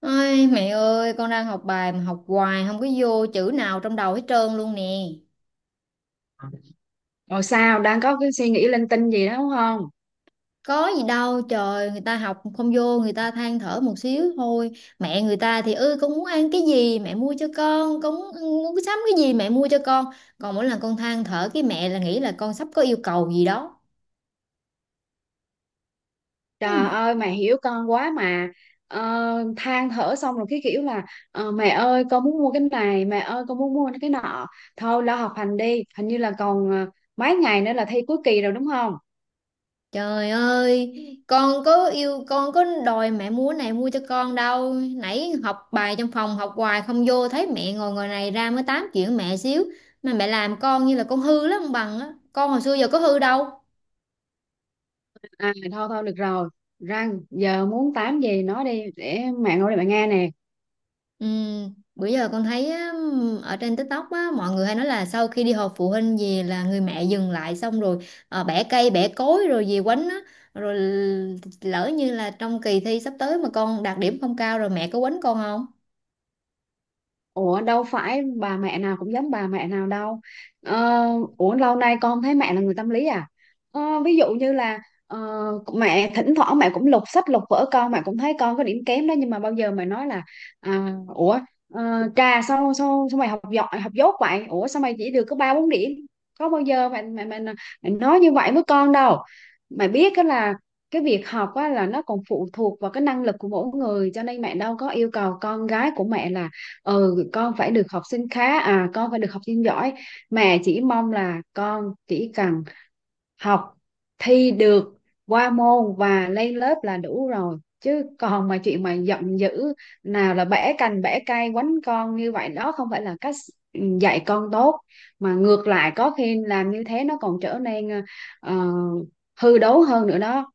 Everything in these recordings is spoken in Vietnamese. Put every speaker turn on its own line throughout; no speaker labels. Ôi, mẹ ơi, con đang học bài mà học hoài không có vô chữ nào trong đầu hết trơn luôn nè.
Rồi sao đang có cái suy nghĩ linh tinh gì đó đúng không?
Có gì đâu, trời, người ta học không vô, người ta than thở một xíu thôi. Mẹ người ta thì con muốn ăn cái gì mẹ mua cho con, muốn sắm cái gì mẹ mua cho con. Còn mỗi lần con than thở cái mẹ là nghĩ là con sắp có yêu cầu gì đó.
Trời
Ừ.
ơi mẹ hiểu con quá mà. ờ, Than thở xong rồi cái kiểu là mẹ ơi con muốn mua cái này, mẹ ơi con muốn mua cái nọ. Thôi lo học hành đi, hình như là còn mấy ngày nữa là thi cuối kỳ rồi đúng không?
Trời ơi, con có đòi mẹ múa này mua cho con đâu. Nãy học bài trong phòng học hoài không vô thấy mẹ ngồi ngồi này ra mới tám chuyện mẹ xíu mà mẹ làm con như là con hư lắm ông bằng á. Con hồi xưa giờ có hư đâu.
À thôi thôi được rồi, răng giờ muốn tám gì nói đi, để mẹ ngồi, để mẹ nghe nè.
Ừ, bữa giờ con thấy á, ở trên TikTok á, mọi người hay nói là sau khi đi họp phụ huynh về là người mẹ dừng lại xong rồi bẻ cây bẻ cối rồi về quánh á. Rồi lỡ như là trong kỳ thi sắp tới mà con đạt điểm không cao rồi mẹ có quánh con không?
Ủa đâu phải bà mẹ nào cũng giống bà mẹ nào đâu. Ờ, Ủa lâu nay con thấy mẹ là người tâm lý à. Ví dụ như là ờ, mẹ thỉnh thoảng mẹ cũng lục sách lục vở con, mẹ cũng thấy con có điểm kém đó. Nhưng mà bao giờ mẹ nói là à, Ủa ờ, trà sao, sao, sao mày học giỏi học dốt vậy? Ủa sao mày chỉ được có ba bốn điểm? Có bao giờ mẹ nói như vậy với con đâu. Mẹ biết đó là cái việc học á, là nó còn phụ thuộc vào cái năng lực của mỗi người, cho nên mẹ đâu có yêu cầu con gái của mẹ là ừ con phải được học sinh khá, à con phải được học sinh giỏi. Mẹ chỉ mong là con chỉ cần học, thi được qua môn và lên lớp là đủ rồi, chứ còn mà chuyện mà giận dữ nào là bẻ cành bẻ cây quánh con như vậy đó không phải là cách dạy con tốt. Mà ngược lại có khi làm như thế nó còn trở nên ờ, hư đốn hơn nữa đó.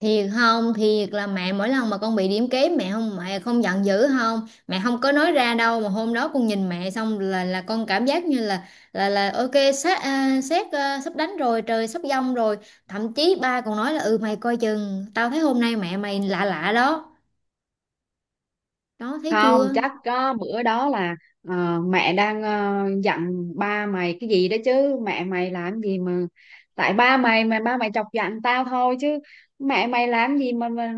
Thiệt không thiệt là mẹ mỗi lần mà con bị điểm kém mẹ không, mẹ không giận dữ không, mẹ không có nói ra đâu, mà hôm đó con nhìn mẹ xong là con cảm giác như là ok, sát à, sát à, sắp đánh rồi, trời sắp giông rồi. Thậm chí ba còn nói là ừ mày coi chừng tao thấy hôm nay mẹ mày lạ lạ đó. Đó thấy
Không
chưa?
chắc có bữa đó là mẹ đang dặn ba mày cái gì đó, chứ mẹ mày làm gì mà, tại ba mày mà ba mày chọc giận tao thôi, chứ mẹ mày làm gì mà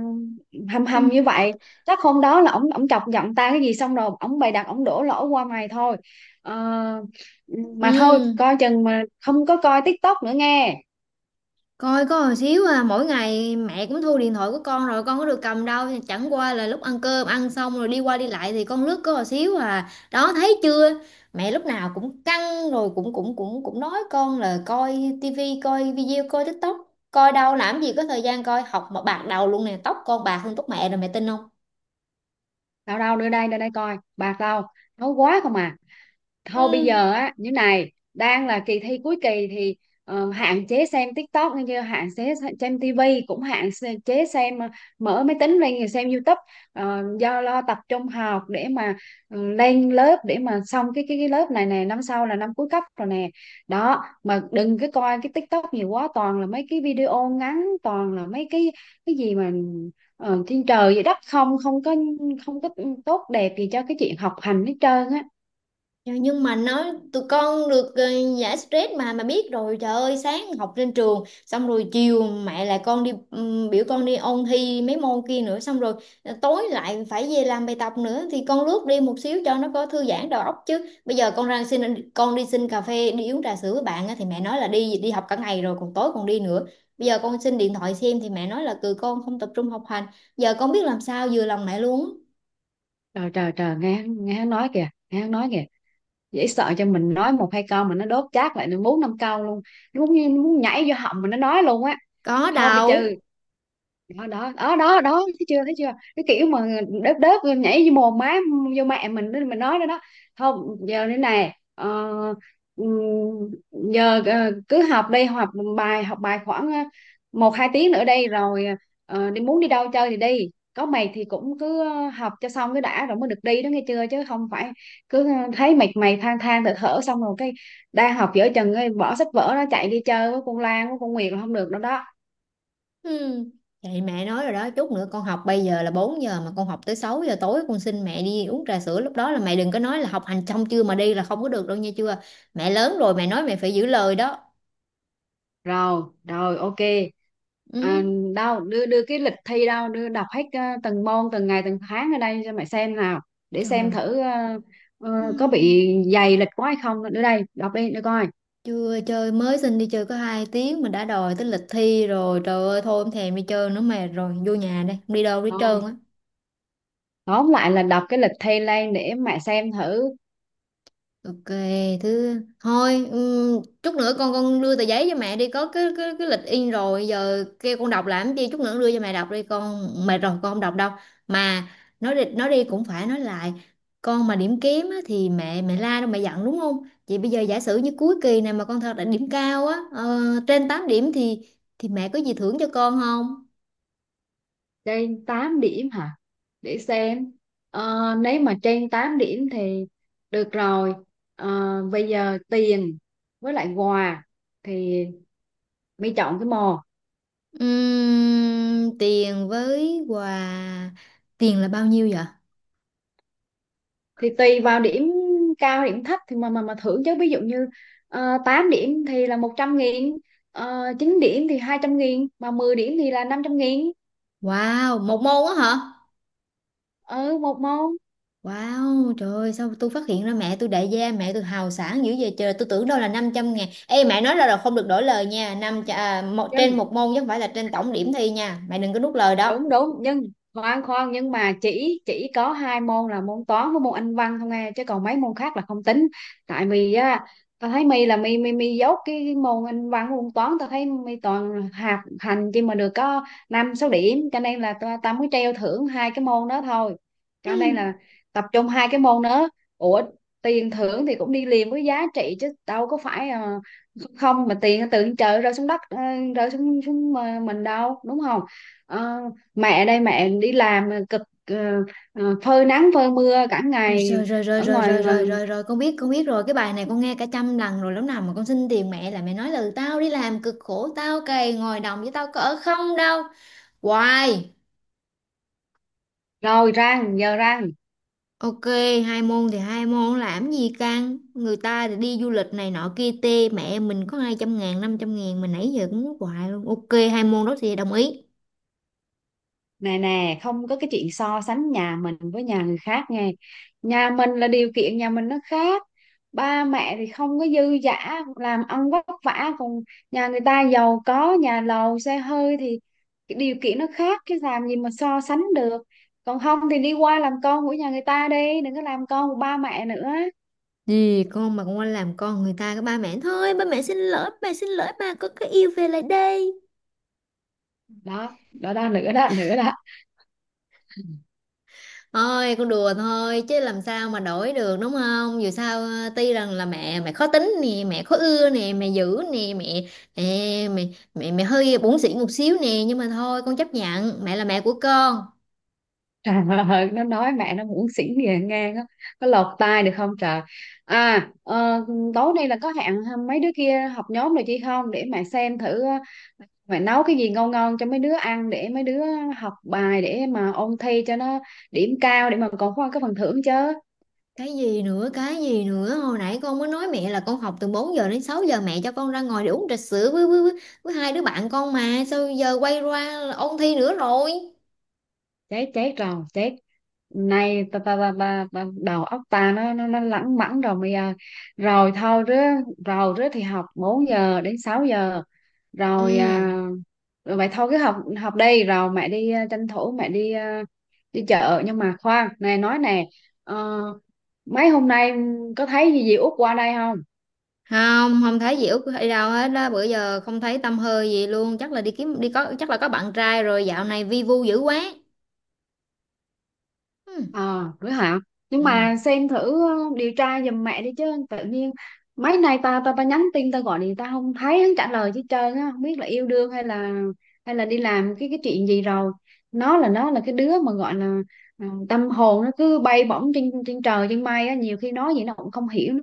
hầm
Ừ.
hầm như vậy. Chắc hôm đó là ổng ổng chọc giận tao cái gì xong rồi ổng bày đặt ổng đổ lỗi qua mày thôi. Ờ, mà thôi
Ừ.
coi chừng, mà không có coi TikTok nữa nghe.
Coi có hồi xíu à, mỗi ngày mẹ cũng thu điện thoại của con rồi con có được cầm đâu, chẳng qua là lúc ăn cơm ăn xong rồi đi qua đi lại thì con lướt có hồi xíu à. Đó thấy chưa? Mẹ lúc nào cũng căng rồi cũng cũng cũng cũng nói con là coi tivi, coi video, coi TikTok. Coi đâu làm gì có thời gian coi, học mà bạc đầu luôn nè, tóc con bạc hơn tóc mẹ rồi mẹ tin không?
Đâu đâu, đưa đây coi bạc đâu, nấu quá không à. Thôi bây
Ừ.
giờ á, như này đang là kỳ thi cuối kỳ thì hạn chế xem TikTok nghe chưa, hạn chế xem TV, cũng hạn chế xem, mở máy tính lên rồi xem YouTube. Do lo tập trung học, để mà lên lớp, để mà xong cái lớp này nè, năm sau là năm cuối cấp rồi nè. Đó mà đừng cái coi cái TikTok nhiều quá, toàn là mấy cái video ngắn, toàn là mấy cái gì mà trên trời vậy đất, không không có, không có tốt đẹp gì cho cái chuyện học hành hết trơn á.
Trời, nhưng mà nói tụi con được giải stress mà biết rồi, trời ơi sáng học trên trường xong rồi chiều mẹ lại con đi biểu con đi ôn thi mấy môn kia nữa, xong rồi tối lại phải về làm bài tập nữa thì con lướt đi một xíu cho nó có thư giãn đầu óc, chứ bây giờ con ra xin con đi xin cà phê đi uống trà sữa với bạn á, thì mẹ nói là đi đi học cả ngày rồi còn tối còn đi nữa. Bây giờ con xin điện thoại xem thì mẹ nói là từ con không tập trung học hành. Giờ con biết làm sao vừa lòng mẹ luôn á.
Trời trời trời, nghe hắn nói kìa, nghe hắn nói kìa, dễ sợ cho mình nói một hai câu mà nó đốt chát lại được bốn năm câu luôn. Nó muốn nhảy vô họng mà nó nói luôn á.
Có
Thôi bây giờ,
đâu.
đó đó đó đó đó thấy chưa, thấy chưa, cái kiểu mà đớp đớp nhảy vô mồm má, vô mẹ mình đó, mình nói đó đó. Không giờ thế này ừm, giờ cứ học đi, học bài, học bài khoảng một hai tiếng nữa đây rồi đi, muốn đi đâu chơi thì đi. Có mày thì cũng cứ học cho xong cái đã rồi mới được đi đó nghe chưa, chứ không phải cứ thấy mệt mày than thở thở xong rồi cái đang học dở chừng ấy, bỏ sách vở nó chạy đi chơi với con Lan với con Nguyệt là không được đâu đó.
Ừ. Vậy mẹ nói rồi đó, chút nữa con học, bây giờ là 4 giờ mà con học tới 6 giờ tối con xin mẹ đi uống trà sữa, lúc đó là mẹ đừng có nói là học hành xong chưa mà đi là không có được đâu nha, chưa. Mẹ lớn rồi mẹ nói mẹ phải giữ lời đó.
Rồi rồi, ok.
Ừ.
à, Đâu đưa đưa cái lịch thi đâu, đưa đọc hết từng môn từng ngày từng tháng ở đây cho mày xem nào, để xem
Trời.
thử ờ,
Ừ.
có bị dày lịch quá hay không, nữa đây đọc đi để coi.
Chưa chơi mới xin đi chơi có 2 tiếng mà đã đòi tới lịch thi rồi. Trời ơi thôi không thèm đi chơi nữa, mệt rồi, vô nhà đây, không đi đâu đi
Thôi
trơn á.
tóm lại là đọc cái lịch thi lên để mẹ xem thử
Ok, thôi chút nữa con đưa tờ giấy cho mẹ đi, có cái lịch in rồi giờ kêu con đọc làm gì, chút nữa đưa cho mẹ đọc đi, con mệt rồi con không đọc đâu. Mà nói đi cũng phải nói lại, con mà điểm kém á, thì mẹ mẹ la đâu, mẹ giận đúng không? Vậy bây giờ giả sử như cuối kỳ này mà con thật là điểm cao á, ờ, trên 8 điểm thì mẹ có gì thưởng cho con không?
trên 8 điểm hả. Để xem. Nếu mà trên 8 điểm thì được rồi. Bây giờ tiền với lại quà thì mi chọn cái mò.
Tiền với quà, tiền là bao nhiêu vậy?
Thì tùy vào điểm cao điểm thấp thì mà thưởng chứ, ví dụ như 8 điểm thì là 100.000, uh, 9 điểm thì 200.000, mà 10 điểm thì là 500.000.
Wow, một môn á hả?
Ừ một môn.
Wow, trời ơi, sao tôi phát hiện ra mẹ tôi đại gia, mẹ tôi hào sảng dữ vậy trời, tôi tưởng đâu là 500.000. Ê, mẹ nói ra là không được đổi lời nha, trên
Dân
một môn chứ không phải là trên tổng điểm thi nha, mẹ đừng có nuốt lời đó.
đúng đúng, nhưng khoan khoan, nhưng mà chỉ có hai môn là môn toán với môn anh văn không nghe, chứ còn mấy môn khác là không tính. Tại vì á tao thấy mi là mi mi mi dốt cái môn anh văn môn toán, tao thấy mi toàn hạt hành chỉ mà được có năm sáu điểm, cho nên là tao tao mới treo thưởng hai cái môn đó thôi, cho nên
Hmm.
là tập trung hai cái môn đó. Ủa tiền thưởng thì cũng đi liền với giá trị chứ, đâu có phải không, mà tiền từ trên trời rơi xuống đất, rơi xuống xuống mình đâu đúng không. Ờ, Mẹ đây mẹ đi làm cực, phơi nắng phơi mưa cả
Rồi,
ngày
rồi, rồi, rồi,
ở
rồi,
ngoài.
rồi, rồi, rồi, con biết rồi, cái bài này con nghe cả trăm lần rồi, lúc nào mà con xin tiền mẹ là mẹ nói là tao đi làm cực khổ, tao cày ngồi đồng với tao có ở không đâu. Hoài.
Rồi răng giờ răng.
Ok, hai môn thì hai môn làm gì căng. Người ta thì đi du lịch này nọ kia tê. Mẹ mình có 200.000, 500.000. Mà nãy giờ cũng muốn hoài luôn. Ok, hai môn đó thì đồng ý.
Nè nè, không có cái chuyện so sánh nhà mình với nhà người khác nghe, nhà mình là điều kiện nhà mình nó khác, ba mẹ thì không có dư dả làm ăn vất vả, còn nhà người ta giàu có nhà lầu xe hơi thì cái điều kiện nó khác, chứ làm gì mà so sánh được. Còn không thì đi qua làm con của nhà người ta đi, đừng có làm con của ba mẹ nữa.
Gì con mà con qua làm con người ta cái ba mẹ. Thôi ba mẹ xin lỗi, ba mẹ xin lỗi ba. Con cái yêu về lại đây.
Đó đó đó, nữa đó, nữa đó.
Thôi con đùa thôi chứ làm sao mà đổi được, đúng không? Dù sao tuy rằng là mẹ mẹ khó tính nè, mẹ khó ưa nè, mẹ dữ nè, mẹ, ê, mẹ hơi bủn xỉn một xíu nè, nhưng mà thôi con chấp nhận, mẹ là mẹ của con.
Trời ơi nó nói mẹ nó muốn xỉn về ngang á, có lọt tai được không trời. à ờ, Tối nay là có hẹn mấy đứa kia học nhóm rồi chị không, để mẹ xem thử mẹ nấu cái gì ngon ngon cho mấy đứa ăn, để mấy đứa học bài, để mà ôn thi cho nó điểm cao, để mà còn có cái phần thưởng chứ.
Cái gì nữa cái gì nữa, hồi nãy con mới nói mẹ là con học từ 4 giờ đến 6 giờ mẹ cho con ra ngoài để uống trà sữa với, với hai đứa bạn con, mà sao giờ quay qua là ôn thi nữa rồi.
Chết chết rồi chết, nay ta đầu óc ta nó lẳng mẳng rồi mày ơi. Rồi thôi rứa, rồi rứa thì học 4 giờ đến 6 giờ rồi.
Ừ,
Rồi vậy thôi cứ học. Học đi rồi mẹ đi, tranh thủ mẹ đi đi chợ. Nhưng mà khoan này nói nè, ờ, mấy hôm nay có thấy gì dì Út qua đây không?
không không thấy gì út hay đâu hết đó, bữa giờ không thấy tâm hơi gì luôn, chắc là đi kiếm đi có, chắc là có bạn trai rồi, dạo này vi vu dữ quá. Ừ.
Ờ, Nữa hả? Nhưng
Ừ.
mà xem thử điều tra giùm mẹ đi chứ, tự nhiên mấy nay ta ta ta nhắn tin ta gọi thì ta không thấy hắn trả lời chứ trời, nó không biết là yêu đương hay là, hay là đi làm cái chuyện gì rồi. Nó là cái đứa mà gọi là tâm hồn nó cứ bay bổng trên trên trời trên mây á, nhiều khi nói gì nó cũng không hiểu, nó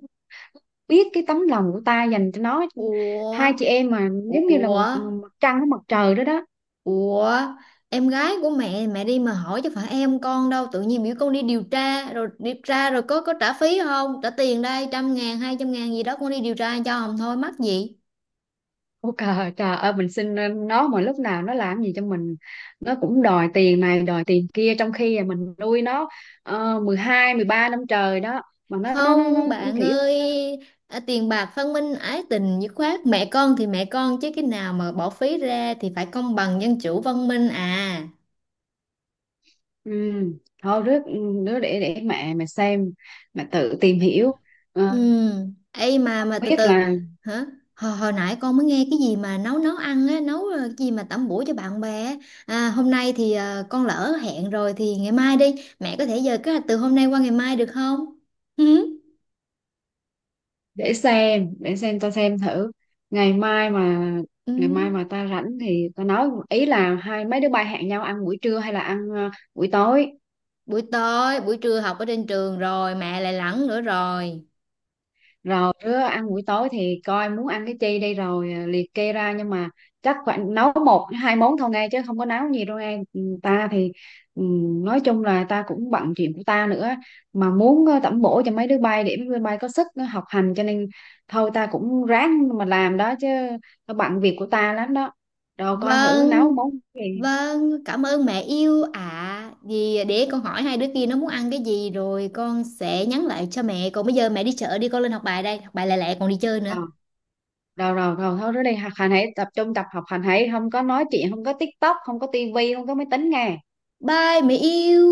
biết cái tấm lòng của ta dành cho nó.
Ủa.
Hai chị em mà giống như là
Ủa.
một mặt trăng với mặt trời đó đó.
Ủa, em gái của mẹ mẹ đi mà hỏi chứ phải em con đâu, tự nhiên biểu con đi điều tra, rồi điều tra rồi có trả phí không, trả tiền đây, trăm ngàn hai trăm ngàn gì đó, con đi điều tra cho không thôi mắc gì.
Ủa trời, trời ơi, mình xin nó mà lúc nào nó làm gì cho mình nó cũng đòi tiền này đòi tiền kia, trong khi là mình nuôi nó 12 13 năm trời đó, mà nó
Không
cũng
bạn
kiểu nó,
ơi,
nó.
à, tiền bạc phân minh, ái tình dứt khoát, mẹ con thì mẹ con chứ cái nào mà bỏ phí ra thì phải công bằng dân chủ văn minh à.
Ừ. Thôi rước đứa để mẹ mà xem, mà tự tìm hiểu.
Ừ,
Ờ,
ấy mà
Không
từ
biết
từ.
là.
Hả? Hồi nãy con mới nghe cái gì mà nấu nấu ăn á, nấu cái gì mà tẩm bổ cho bạn bè á. À, hôm nay thì con lỡ hẹn rồi thì ngày mai đi. Mẹ có thể giờ kế hoạch từ hôm nay qua ngày mai được không? Ừ.
Để xem tao xem thử, ngày mai mà
Ừ.
ngày mai mà ta rảnh thì tao nói ý là hai mấy đứa bay hẹn nhau ăn buổi trưa hay là ăn buổi tối.
Buổi tối, buổi trưa học ở trên trường rồi, mẹ lại lẳng nữa rồi.
Rồi đứa ăn buổi tối thì coi muốn ăn cái chi đi, rồi liệt kê ra, nhưng mà chắc khoảng nấu một hai món thôi nghe, chứ không có nấu nhiều đâu ngay. Ta thì ừ, nói chung là ta cũng bận chuyện của ta nữa, mà muốn tẩm bổ cho mấy đứa bay để mấy đứa bay có sức nó học hành, cho nên thôi ta cũng ráng mà làm đó chứ, ta bận việc của ta lắm đó. Rồi coi thử nấu
Vâng,
món gì.
vâng, cảm ơn mẹ yêu ạ. Vì để con hỏi hai đứa kia nó muốn ăn cái gì rồi con sẽ nhắn lại cho mẹ. Còn bây giờ mẹ đi chợ đi, con lên học bài đây, học bài lẹ lẹ còn đi chơi nữa.
Ờ rồi rồi rồi thôi, đó đi học hành hãy tập trung tập, học hành hãy, không có nói chuyện, không có TikTok, không có tivi, không có máy tính nghe.
Bye mẹ yêu.